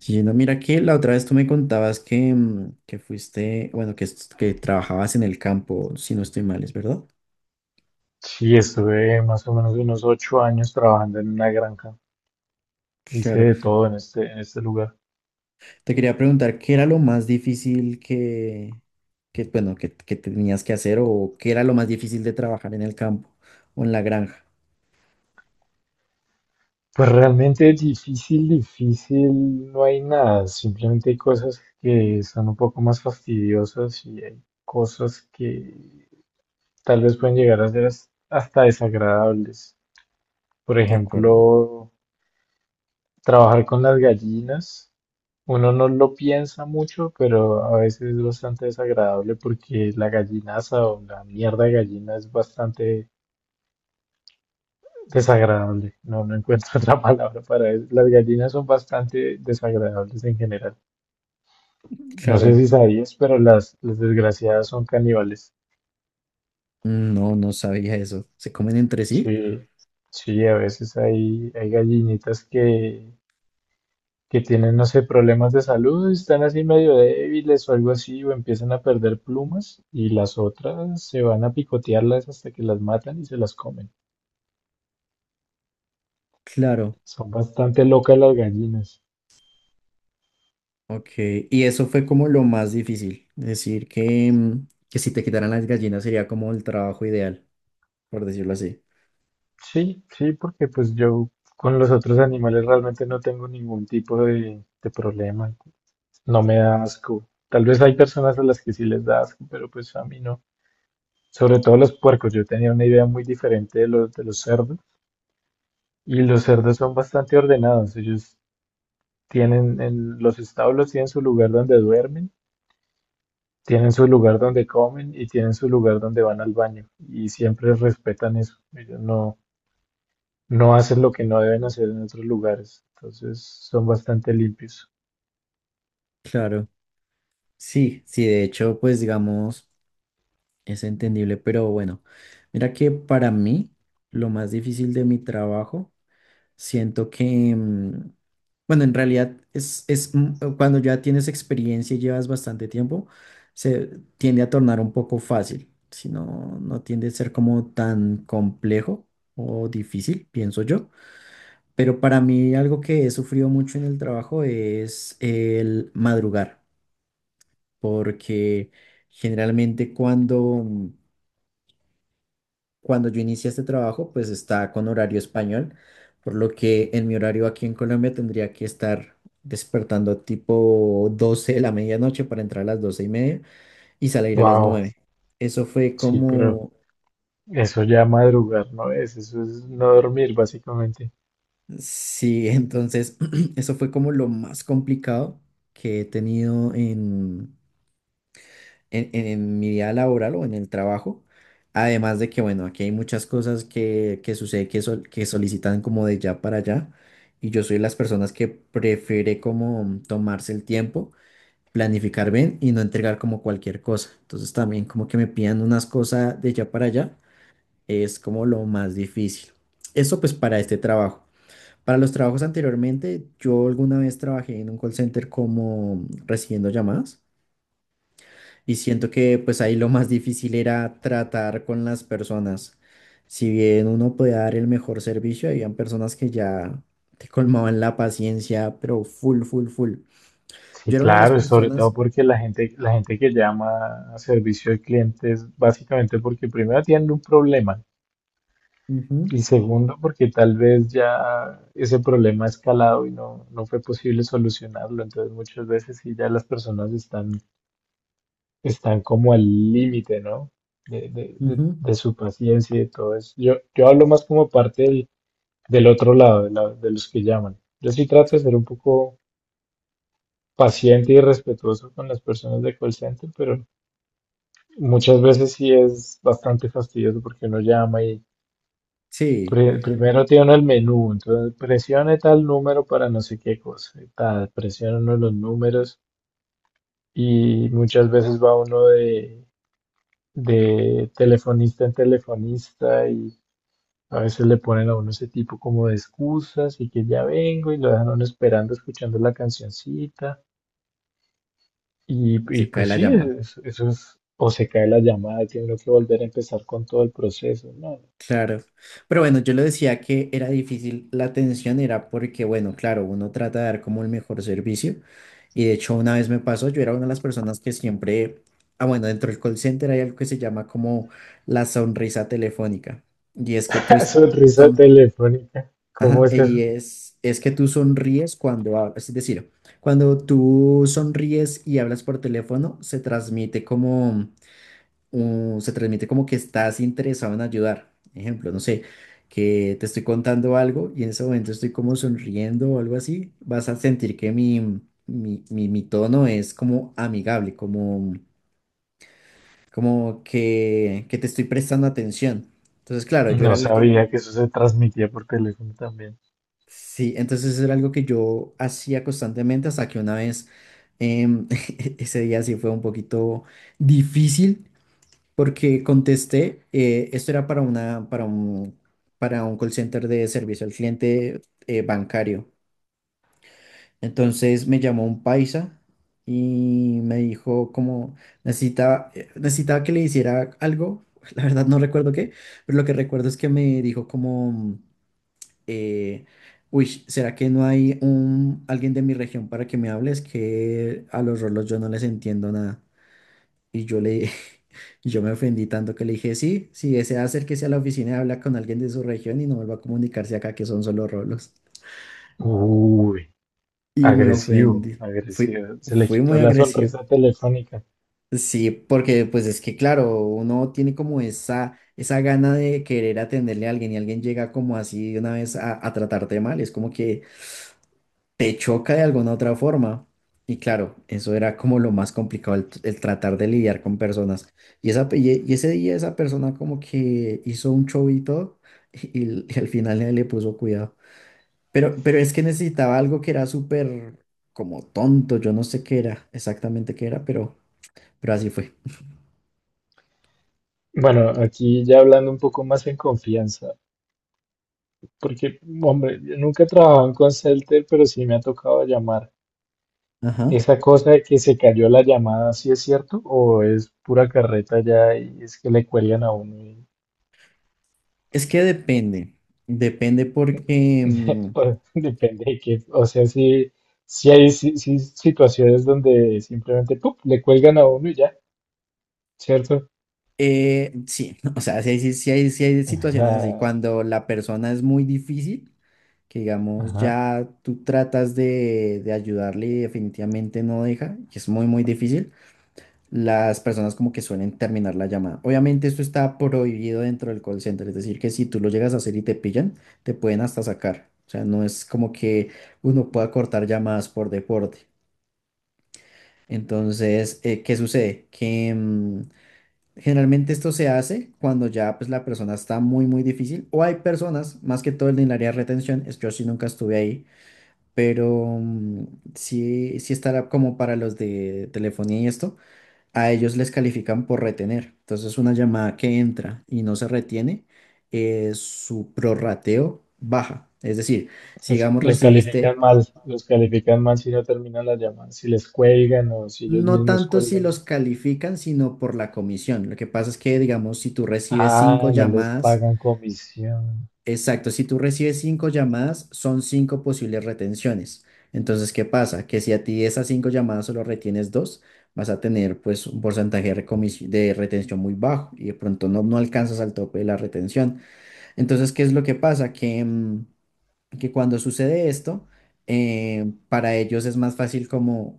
Sí, no, mira que la otra vez tú me contabas que, que fuiste, bueno, que trabajabas en el campo, si no estoy mal, ¿es verdad? Sí, estuve más o menos unos 8 años trabajando en una granja. Hice Claro. de todo en este lugar. Te quería preguntar qué era lo más difícil que, que bueno, que tenías que hacer o qué era lo más difícil de trabajar en el campo o en la granja. Pues realmente difícil, difícil, no hay nada. Simplemente hay cosas que son un poco más fastidiosas y hay cosas que tal vez pueden llegar a ser hasta desagradables. Por De acuerdo. ejemplo, trabajar con las gallinas, uno no lo piensa mucho, pero a veces es bastante desagradable porque la gallinaza o la mierda de gallina es bastante desagradable. No, no encuentro otra palabra para eso. Las gallinas son bastante desagradables en general. No sé Claro. si sabías, pero las desgraciadas son caníbales. Mm, no, no sabía eso. ¿Se comen entre sí? Sí, sí, a veces hay gallinitas que tienen, no sé, problemas de salud, están así medio débiles o algo así, o empiezan a perder plumas, y las otras se van a picotearlas hasta que las matan y se las comen. Claro. Son bastante locas las gallinas. Ok. Y eso fue como lo más difícil. Decir que, que si te quitaran las gallinas sería como el trabajo ideal, por decirlo así. Sí, sí, porque pues yo con los otros animales realmente no tengo ningún tipo de problema. No me da asco. Tal vez hay personas a las que sí les da asco, pero pues a mí no. Sobre todo los puercos. Yo tenía una idea muy diferente de los cerdos. Y los cerdos son bastante ordenados. Ellos Tienen en los establos tienen su lugar donde duermen, tienen su lugar donde comen y tienen su lugar donde van al baño. Y siempre respetan eso. Ellos no, no hacen lo que no deben hacer en otros lugares. Entonces son bastante limpios. Claro, sí, sí, de hecho, pues digamos, es entendible, pero bueno, mira que para mí lo más difícil de mi trabajo, siento que, bueno, en realidad es, cuando ya tienes experiencia y llevas bastante tiempo, se tiende a tornar un poco fácil, si no, no tiende a ser como tan complejo o difícil, pienso yo, pero para mí algo que he sufrido mucho en el trabajo es el madrugar, porque generalmente cuando yo inicié este trabajo, pues está con horario español, por lo que en mi horario aquí en Colombia tendría que estar despertando tipo 12 de la medianoche para entrar a las 12:30 y salir a las Wow, 9. Eso fue sí, pero como, eso ya madrugar no es, eso es no dormir básicamente. sí, entonces, eso fue como lo más complicado que he tenido en mi vida laboral o en el trabajo. Además de que, bueno, aquí hay muchas cosas que sucede que solicitan como de ya para allá. Y yo soy de las personas que prefiere como tomarse el tiempo, planificar bien y no entregar como cualquier cosa. Entonces también como que me pidan unas cosas de ya para allá es como lo más difícil. Eso pues para este trabajo. Para los trabajos anteriormente, yo alguna vez trabajé en un call center como recibiendo llamadas. Y siento que pues ahí lo más difícil era tratar con las personas. Si bien uno podía dar el mejor servicio, habían personas que ya te colmaban la paciencia, pero full, full, full. Sí, Yo era una de las claro, y sobre todo personas. porque la gente que llama a servicio de clientes, básicamente porque primero tienen un problema. Ujú, Y segundo, porque tal vez ya ese problema ha escalado y no, no fue posible solucionarlo. Entonces muchas veces sí ya las personas están, están como al límite, ¿no? De, de- de- ujú, de su paciencia y de todo eso. Yo hablo más como parte del otro lado, de, de los que llaman. Yo sí trato de ser un poco paciente y respetuoso con las personas de call center, pero muchas veces sí es bastante fastidioso porque uno llama. sí, Primero tiene el menú, entonces presione tal número para no sé qué cosa, y tal, presiona uno de los números y muchas veces va uno de telefonista en telefonista y a veces le ponen a uno ese tipo como de excusas y que ya vengo y lo dejan a uno esperando escuchando la cancioncita y y se cae pues la sí, llamada. Eso es, o se cae la llamada y tiene uno que volver a empezar con todo el proceso, ¿no? Claro, pero bueno, yo le decía que era difícil la atención, era porque, bueno, claro, uno trata de dar como el mejor servicio y de hecho una vez me pasó, yo era una de las personas que siempre, ah, bueno, dentro del call center hay algo que se llama como la sonrisa telefónica y es que Sonrisa son, telefónica, ajá, ¿cómo es y eso? es que tú sonríes cuando hablas, es decir, cuando tú sonríes y hablas por teléfono, se transmite como que estás interesado en ayudar. Ejemplo, no sé, que te estoy contando algo y en ese momento estoy como sonriendo o algo así, vas a sentir que mi tono es como amigable, como, como que te estoy prestando atención. Entonces, claro, yo era No alguien sabía que. que eso se transmitía por teléfono también. Sí, entonces eso era algo que yo hacía constantemente hasta que una vez, em, ese día sí fue un poquito difícil porque contesté, esto era para un call center de servicio al cliente, bancario. Entonces me llamó un paisa y me dijo como necesitaba que le hiciera algo, la verdad no recuerdo qué, pero lo que recuerdo es que me dijo como, eh, uy, ¿será que no hay alguien de mi región para que me hables, que a los rolos yo no les entiendo nada? Y yo le, y yo me ofendí tanto que le dije, sí, si desea acérquese a la oficina y habla con alguien de su región y no vuelva a comunicarse acá que son solo rolos. Uy, Y me agresivo, ofendí. Fui, agresivo. Se le fui muy quitó la agresivo. sonrisa telefónica. Sí, porque pues es que claro, uno tiene como esa gana de querer atenderle a alguien y alguien llega como así de una vez a tratarte mal. Es como que te choca de alguna otra forma. Y claro, eso era como lo más complicado, el tratar de lidiar con personas. Y ese día esa persona como que hizo un show y todo, y al final nadie le puso cuidado. Pero es que necesitaba algo que era súper como tonto, yo no sé qué era, exactamente qué era, pero así fue. Bueno, aquí ya hablando un poco más en confianza, porque, hombre, yo nunca he trabajado en call center, pero sí me ha tocado llamar. Ajá. Esa cosa de que se cayó la llamada, ¿sí es cierto? ¿O es pura carreta ya y es que le cuelgan a uno? Es que depende porque, depende de qué. O sea, sí, sí hay si situaciones donde simplemente ¡pup! Le cuelgan a uno y ya. ¿Cierto? Sí, o sea, si hay situaciones así, Ajá, cuando la persona es muy difícil, que digamos ajá. ya tú tratas de ayudarle y definitivamente no deja, y es muy muy difícil, las personas como que suelen terminar la llamada. Obviamente esto está prohibido dentro del call center, es decir, que si tú lo llegas a hacer y te pillan, te pueden hasta sacar. O sea, no es como que uno pueda cortar llamadas por deporte. Entonces, ¿qué sucede? Que generalmente esto se hace cuando ya pues la persona está muy muy difícil o hay personas, más que todo en el área de retención, es que yo sí nunca estuve ahí pero sí, sí estará como para los de telefonía y esto, a ellos les califican por retener. Entonces, una llamada que entra y no se retiene, su prorrateo baja. Es decir, si Los, digamos los califican recibiste. mal, los califican mal si no terminan las llamadas, si les cuelgan o si ellos No mismos tanto si los cuelgan. califican, sino por la comisión. Lo que pasa es que, digamos, si tú recibes cinco Ah, no les llamadas. pagan comisión. Exacto. si tú recibes cinco llamadas, son cinco posibles retenciones. Entonces, ¿qué pasa? Que si a ti esas cinco llamadas solo retienes dos, vas a tener pues un porcentaje de, de retención muy bajo y de pronto no alcanzas al tope de la retención. Entonces, ¿qué es lo que pasa? Que cuando sucede esto, para ellos es más fácil como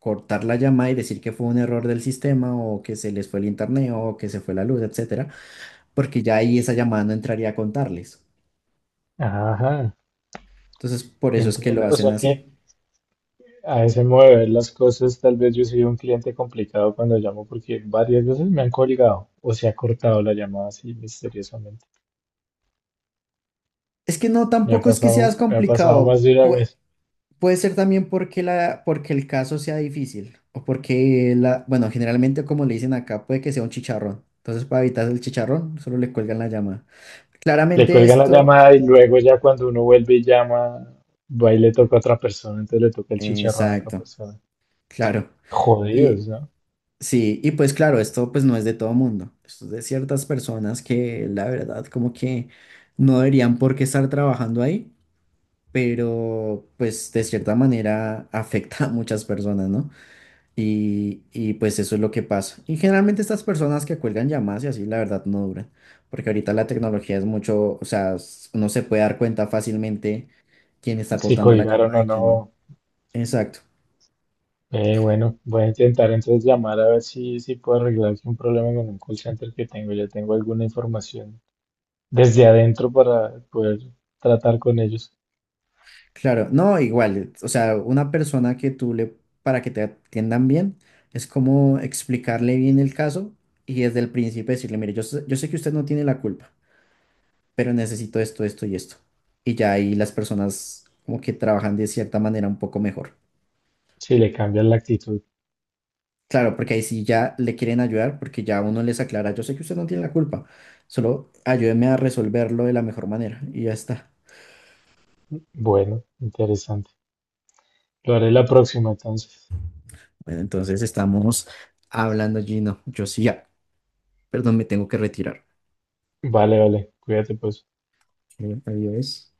cortar la llamada y decir que fue un error del sistema o que se les fue el internet o que se fue la luz, etcétera, porque ya ahí esa llamada no entraría a contarles. Ajá, Entonces, por eso es que lo entiendo. O hacen sea que así. a ese modo de ver las cosas, tal vez yo soy un cliente complicado cuando llamo porque varias veces me han colgado o se ha cortado la llamada así misteriosamente. Es que no, tampoco es que seas Me ha pasado más complicado. de una Pue- vez. puede ser también porque el caso sea difícil. O porque, bueno, generalmente como le dicen acá, puede que sea un chicharrón. Entonces, para evitar el chicharrón, solo le cuelgan la llamada. Le Claramente cuelgan la esto. llamada y luego ya cuando uno vuelve y llama, va y le toca a otra persona, entonces le toca el chicharrón a otra Exacto. persona. claro. Y Jodidos, ¿no? sí, y pues claro, esto pues no es de todo mundo. Esto es de ciertas personas que la verdad como que no deberían por qué estar trabajando ahí, pero pues de cierta manera afecta a muchas personas, ¿no? Y pues eso es lo que pasa. Y generalmente estas personas que cuelgan llamadas y así, la verdad, no duran, porque ahorita la tecnología es mucho, o sea, uno se puede dar cuenta fácilmente quién está Si cortando la colgaron llamada o y no. quién no. Exacto. Bueno, voy a intentar entonces llamar a ver si puedo arreglar un problema con un call center que tengo. Ya tengo alguna información desde adentro para poder tratar con ellos. Claro, no, igual, o sea, una persona que tú le, para que te atiendan bien, es como explicarle bien el caso y desde el principio decirle, mire, yo sé que usted no tiene la culpa, pero necesito esto, esto y esto. Y ya ahí las personas como que trabajan de cierta manera un poco mejor. Si le cambian la actitud. Claro, porque ahí sí ya le quieren ayudar, porque ya uno les aclara, yo sé que usted no tiene la culpa, solo ayúdeme a resolverlo de la mejor manera y ya está. Bueno, interesante. Lo haré la próxima entonces. Bueno, entonces estamos hablando, Gino. Yo sí, ya, perdón, me tengo que retirar. Vale, vale. Cuídate pues. Adiós.